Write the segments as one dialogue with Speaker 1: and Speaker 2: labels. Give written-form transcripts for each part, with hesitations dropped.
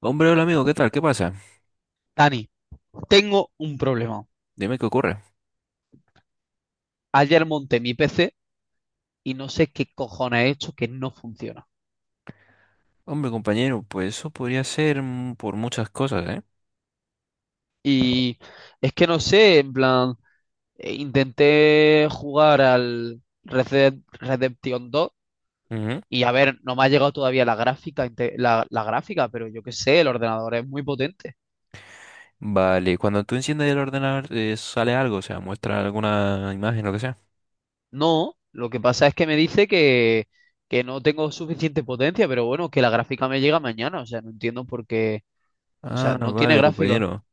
Speaker 1: Hombre, hola amigo, ¿qué tal? ¿Qué pasa?
Speaker 2: Dani, tengo un problema.
Speaker 1: Dime qué ocurre.
Speaker 2: Ayer monté mi PC y no sé qué cojones he hecho que no funciona.
Speaker 1: Hombre, compañero, pues eso podría ser por muchas cosas, ¿eh?
Speaker 2: Y es que no sé, en plan, intenté jugar al Red Dead Redemption 2.
Speaker 1: Ujú.
Speaker 2: Y a ver, no me ha llegado todavía la gráfica, la gráfica, pero yo qué sé, el ordenador es muy potente.
Speaker 1: Vale, cuando tú enciendes el ordenador, sale algo, o sea, muestra alguna imagen, lo que sea.
Speaker 2: No, lo que pasa es que me dice que no tengo suficiente potencia, pero bueno, que la gráfica me llega mañana, o sea, no entiendo por qué, o
Speaker 1: Ah,
Speaker 2: sea, no tiene
Speaker 1: vale,
Speaker 2: gráfica.
Speaker 1: compañero.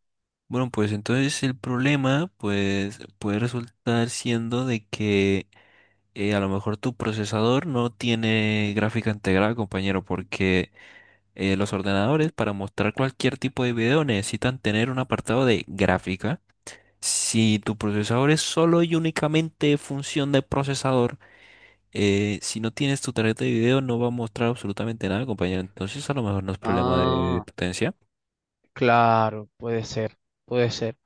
Speaker 1: Bueno, pues entonces el problema, pues, puede resultar siendo de que a lo mejor tu procesador no tiene gráfica integrada, compañero, porque los ordenadores para mostrar cualquier tipo de video necesitan tener un apartado de gráfica. Si tu procesador es solo y únicamente función de procesador, si no tienes tu tarjeta de video no va a mostrar absolutamente nada, compañero. Entonces a lo mejor no es problema de
Speaker 2: Ah.
Speaker 1: potencia.
Speaker 2: Claro, puede ser, puede ser.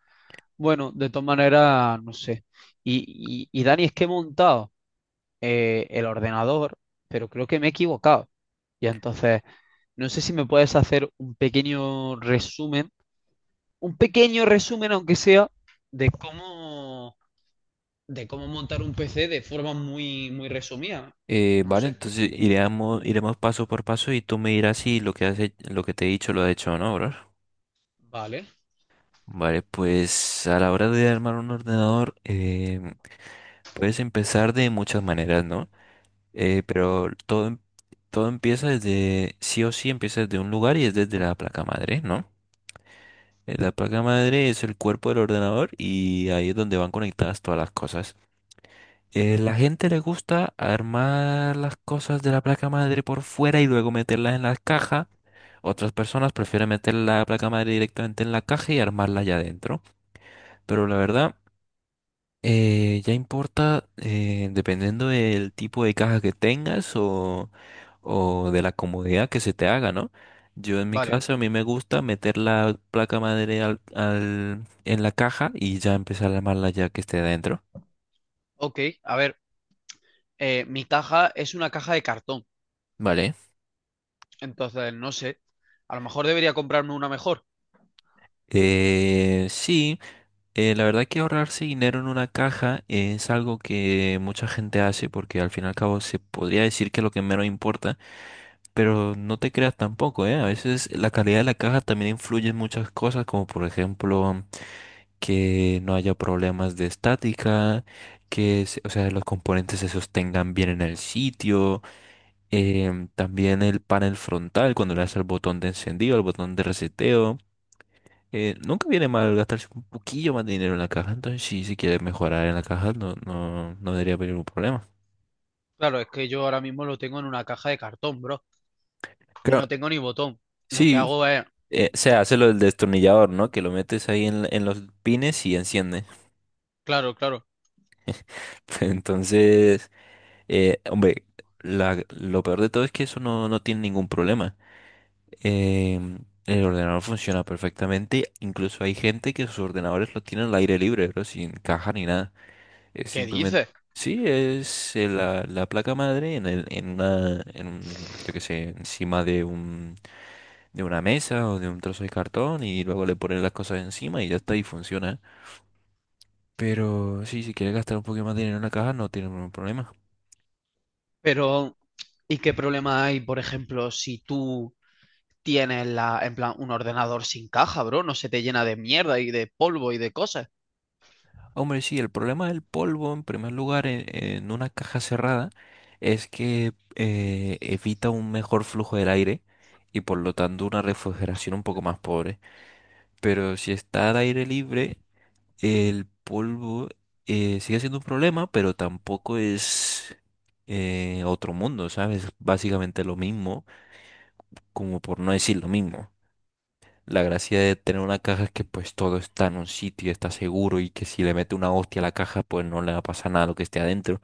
Speaker 2: Bueno, de todas maneras, no sé. Y Dani, es que he montado el ordenador, pero creo que me he equivocado. Y entonces, no sé si me puedes hacer un pequeño resumen, aunque sea, de cómo, de cómo montar un PC de forma muy, muy resumida. No
Speaker 1: Vale,
Speaker 2: sé.
Speaker 1: entonces iremos paso por paso y tú me dirás si lo que lo que te he dicho lo has hecho o no, bro.
Speaker 2: Vale,
Speaker 1: Vale, pues a la hora de armar un ordenador puedes empezar de muchas maneras, ¿no? Pero todo empieza desde, sí o sí empieza desde un lugar y es desde la placa madre, ¿no? La placa madre es el cuerpo del ordenador y ahí es donde van conectadas todas las cosas. La gente le gusta armar las cosas de la placa madre por fuera y luego meterlas en la caja. Otras personas prefieren meter la placa madre directamente en la caja y armarla allá adentro. Pero la verdad. Ya importa dependiendo del tipo de caja que tengas o de la comodidad que se te haga, ¿no? Yo en mi
Speaker 2: vale.
Speaker 1: caso a mí me gusta meter la placa madre en la caja y ya empezar a armarla ya que esté dentro.
Speaker 2: Ok, a ver, mi caja es una caja de cartón.
Speaker 1: Vale.
Speaker 2: Entonces, no sé. A lo mejor debería comprarme una mejor.
Speaker 1: Sí, la verdad que ahorrarse dinero en una caja es algo que mucha gente hace porque al fin y al cabo se podría decir que es lo que menos importa. Pero no te creas tampoco, ¿eh? A veces la calidad de la caja también influye en muchas cosas, como por ejemplo que no haya problemas de estática, o sea, los componentes se sostengan bien en el sitio, también el panel frontal cuando le das al botón de encendido, al botón de reseteo. Nunca viene mal gastarse un poquillo más de dinero en la caja, entonces sí, si quieres mejorar en la caja, no, no, no debería haber ningún problema.
Speaker 2: Claro, es que yo ahora mismo lo tengo en una caja de cartón, bro. Y no
Speaker 1: Claro,
Speaker 2: tengo ni botón. Lo que
Speaker 1: sí,
Speaker 2: hago es,
Speaker 1: se hace lo del destornillador, ¿no? Que lo metes ahí en los pines y enciende.
Speaker 2: claro, claro,
Speaker 1: Entonces, hombre, lo peor de todo es que eso no tiene ningún problema. Em, el ordenador funciona perfectamente. Incluso hay gente que sus ordenadores lo tienen al aire libre, pero sin caja ni nada. Es
Speaker 2: ¿qué
Speaker 1: simplemente.
Speaker 2: dices?
Speaker 1: Sí, es la placa madre en, el, en una, en, un- yo qué sé, encima de una mesa o de un trozo de cartón y luego le ponen las cosas encima y ya está y funciona. Pero sí, si quieres gastar un poquito más de dinero en la caja, no tiene ningún problema.
Speaker 2: Pero, ¿y qué problema hay, por ejemplo, si tú tienes la, en plan, un ordenador sin caja, bro? No se te llena de mierda y de polvo y de cosas.
Speaker 1: Hombre, sí, el problema del polvo, en primer lugar, en una caja cerrada, es que evita un mejor flujo del aire y por lo tanto una refrigeración un poco más pobre. Pero si está al aire libre, el polvo sigue siendo un problema, pero tampoco es otro mundo, ¿sabes? Básicamente lo mismo, como por no decir lo mismo. La gracia de tener una caja es que pues todo está en un sitio, está seguro y que si le mete una hostia a la caja pues no le va a pasar nada a lo que esté adentro.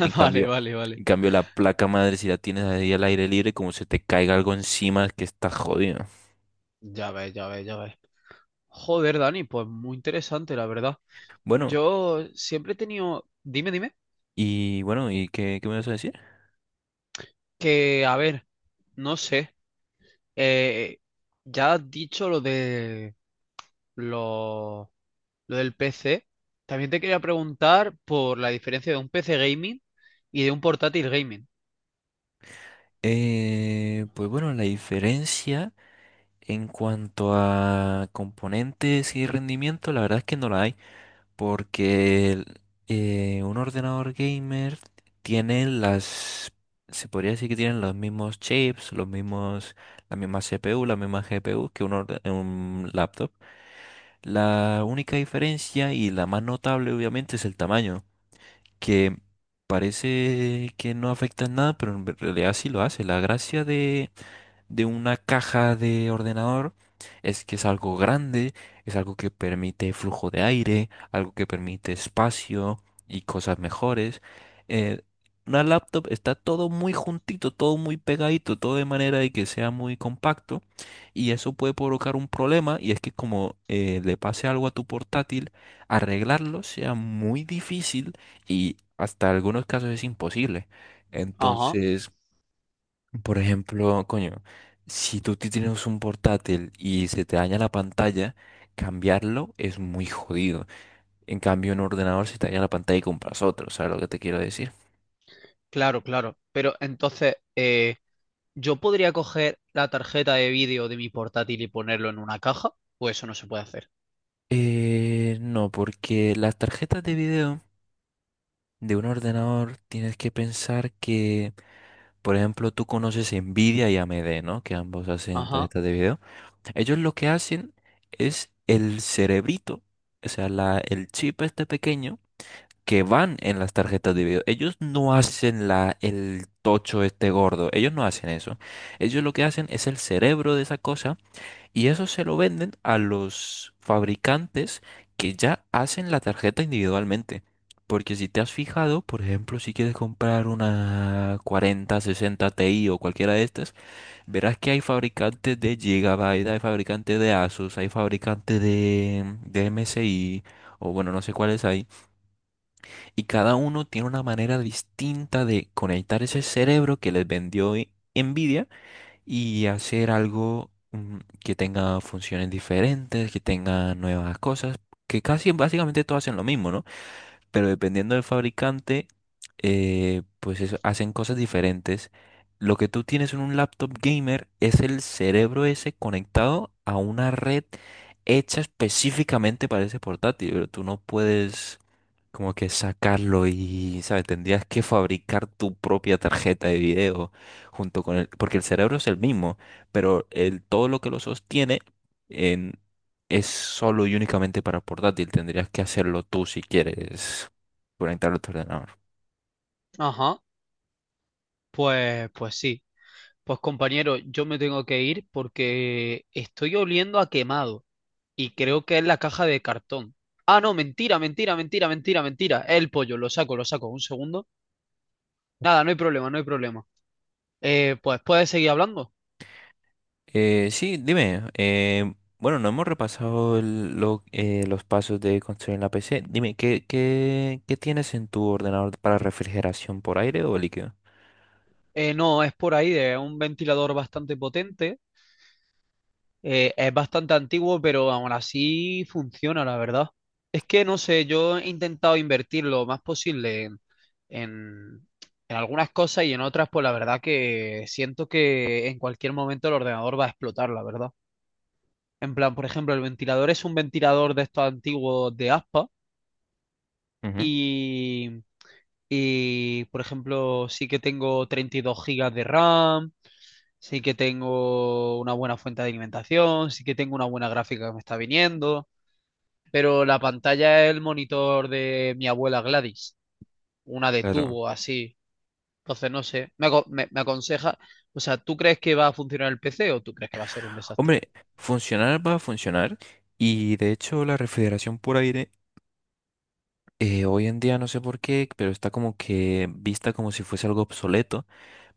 Speaker 1: En
Speaker 2: Vale,
Speaker 1: cambio,
Speaker 2: vale, vale.
Speaker 1: en cambio, la placa madre si la tienes ahí al aire libre como se te caiga algo encima que está jodido.
Speaker 2: Ya ves, ya ves, ya ves. Joder, Dani, pues muy interesante, la verdad.
Speaker 1: Bueno,
Speaker 2: Yo siempre he tenido, dime, dime,
Speaker 1: bueno, ¿y qué me vas a decir?
Speaker 2: que, a ver, no sé. Eh, ya has dicho lo de lo, lo del PC. También te quería preguntar por la diferencia de un PC gaming y de un portátil gaming.
Speaker 1: Pues bueno, la diferencia en cuanto a componentes y rendimiento, la verdad es que no la hay. Porque un ordenador gamer tiene se podría decir que tienen los mismos chips, la misma CPU, la misma GPU que un laptop. La única diferencia y la más notable obviamente es el tamaño, que parece que no afecta en nada, pero en realidad sí lo hace. La gracia de una caja de ordenador es que es algo grande, es algo que permite flujo de aire, algo que permite espacio y cosas mejores. Eh, una laptop está todo muy juntito, todo muy pegadito, todo de manera de que sea muy compacto y eso puede provocar un problema y es que como le pase algo a tu portátil, arreglarlo sea muy difícil y hasta algunos casos es imposible.
Speaker 2: Ajá,
Speaker 1: Entonces, por ejemplo, coño, si tú tienes un portátil y se te daña la pantalla, cambiarlo es muy jodido. En cambio, en un ordenador se te daña la pantalla y compras otro, ¿sabes lo que te quiero decir?
Speaker 2: claro, claro. Pero entonces, ¿yo podría coger la tarjeta de vídeo de mi portátil y ponerlo en una caja? Pues eso no se puede hacer.
Speaker 1: No, porque las tarjetas de video de un ordenador tienes que pensar que, por ejemplo, tú conoces Nvidia y AMD, ¿no? Que ambos hacen
Speaker 2: Ajá,
Speaker 1: tarjetas de video. Ellos lo que hacen es el cerebrito, o sea, el chip este pequeño que van en las tarjetas de video. Ellos no hacen el tocho este gordo, ellos no hacen eso. Ellos lo que hacen es el cerebro de esa cosa y eso se lo venden a los fabricantes que ya hacen la tarjeta individualmente. Porque si te has fijado, por ejemplo, si quieres comprar una 40, 60 Ti o cualquiera de estas, verás que hay fabricantes de Gigabyte, hay fabricantes de Asus, hay fabricantes de MSI, o bueno, no sé cuáles hay. Y cada uno tiene una manera distinta de conectar ese cerebro que les vendió Nvidia y hacer algo que tenga funciones diferentes, que tenga nuevas cosas, que casi básicamente todos hacen lo mismo, ¿no? Pero dependiendo del fabricante, pues eso, hacen cosas diferentes. Lo que tú tienes en un laptop gamer es el cerebro ese conectado a una red hecha específicamente para ese portátil, pero tú no puedes como que sacarlo y, ¿sabes? Tendrías que fabricar tu propia tarjeta de video junto con el, porque el cerebro es el mismo, pero todo lo que lo sostiene es solo y únicamente para portátil. Tendrías que hacerlo tú si quieres conectarlo a tu ordenador.
Speaker 2: ajá. Pues, pues sí. Pues compañero, yo me tengo que ir porque estoy oliendo a quemado, y creo que es la caja de cartón. Ah, no, mentira, mentira, mentira, mentira, mentira. Es el pollo, lo saco, lo saco. Un segundo. Nada, no hay problema, no hay problema. Pues puedes seguir hablando.
Speaker 1: Sí, dime. Bueno, no hemos repasado los pasos de construir la PC. Dime, ¿qué tienes en tu ordenador para refrigeración por aire o líquido?
Speaker 2: No, es por ahí, es un ventilador bastante potente. Es bastante antiguo, pero aún así funciona, la verdad. Es que no sé, yo he intentado invertir lo más posible en, en algunas cosas y en otras, pues la verdad que siento que en cualquier momento el ordenador va a explotar, la verdad. En plan, por ejemplo, el ventilador es un ventilador de estos antiguos de aspa
Speaker 1: Ujú.
Speaker 2: y, por ejemplo, sí que tengo 32 gigas de RAM, sí que tengo una buena fuente de alimentación, sí que tengo una buena gráfica que me está viniendo, pero la pantalla es el monitor de mi abuela Gladys, una de
Speaker 1: Claro.
Speaker 2: tubo así. Entonces, no sé, me aconseja, o sea, ¿tú crees que va a funcionar el PC o tú crees que va a ser un desastre?
Speaker 1: Hombre, funcionar va a funcionar. Y de hecho, la refrigeración por aire, hoy en día no sé por qué, pero está como que vista como si fuese algo obsoleto.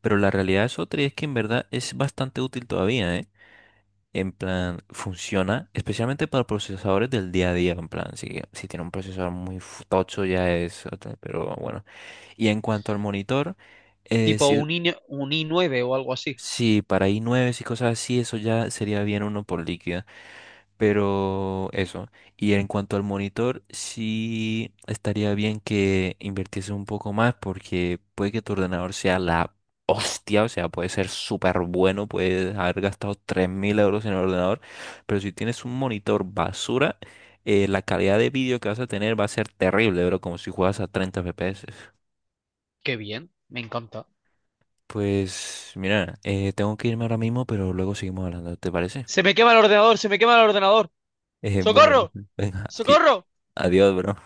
Speaker 1: Pero la realidad es otra y es que en verdad es bastante útil todavía, ¿eh? En plan, funciona especialmente para procesadores del día a día, en plan, si tiene un procesador muy tocho ya es otra, pero bueno. Y en cuanto al monitor, eh,
Speaker 2: Tipo
Speaker 1: si,
Speaker 2: un i, un i9 o algo así.
Speaker 1: si para i9 y cosas así, eso ya sería bien uno por líquida. Pero eso. Y en cuanto al monitor, sí estaría bien que invirtiese un poco más porque puede que tu ordenador sea la hostia, o sea, puede ser súper bueno, puedes haber gastado 3.000 euros en el ordenador, pero si tienes un monitor basura, la calidad de vídeo que vas a tener va a ser terrible, bro, como si juegas a 30 FPS.
Speaker 2: Qué bien, me encanta.
Speaker 1: Pues mira, tengo que irme ahora mismo, pero luego seguimos hablando, ¿te parece?
Speaker 2: Se me quema el ordenador, se me quema el ordenador.
Speaker 1: Bueno,
Speaker 2: ¡Socorro!
Speaker 1: venga,
Speaker 2: ¡Socorro!
Speaker 1: adiós, bro.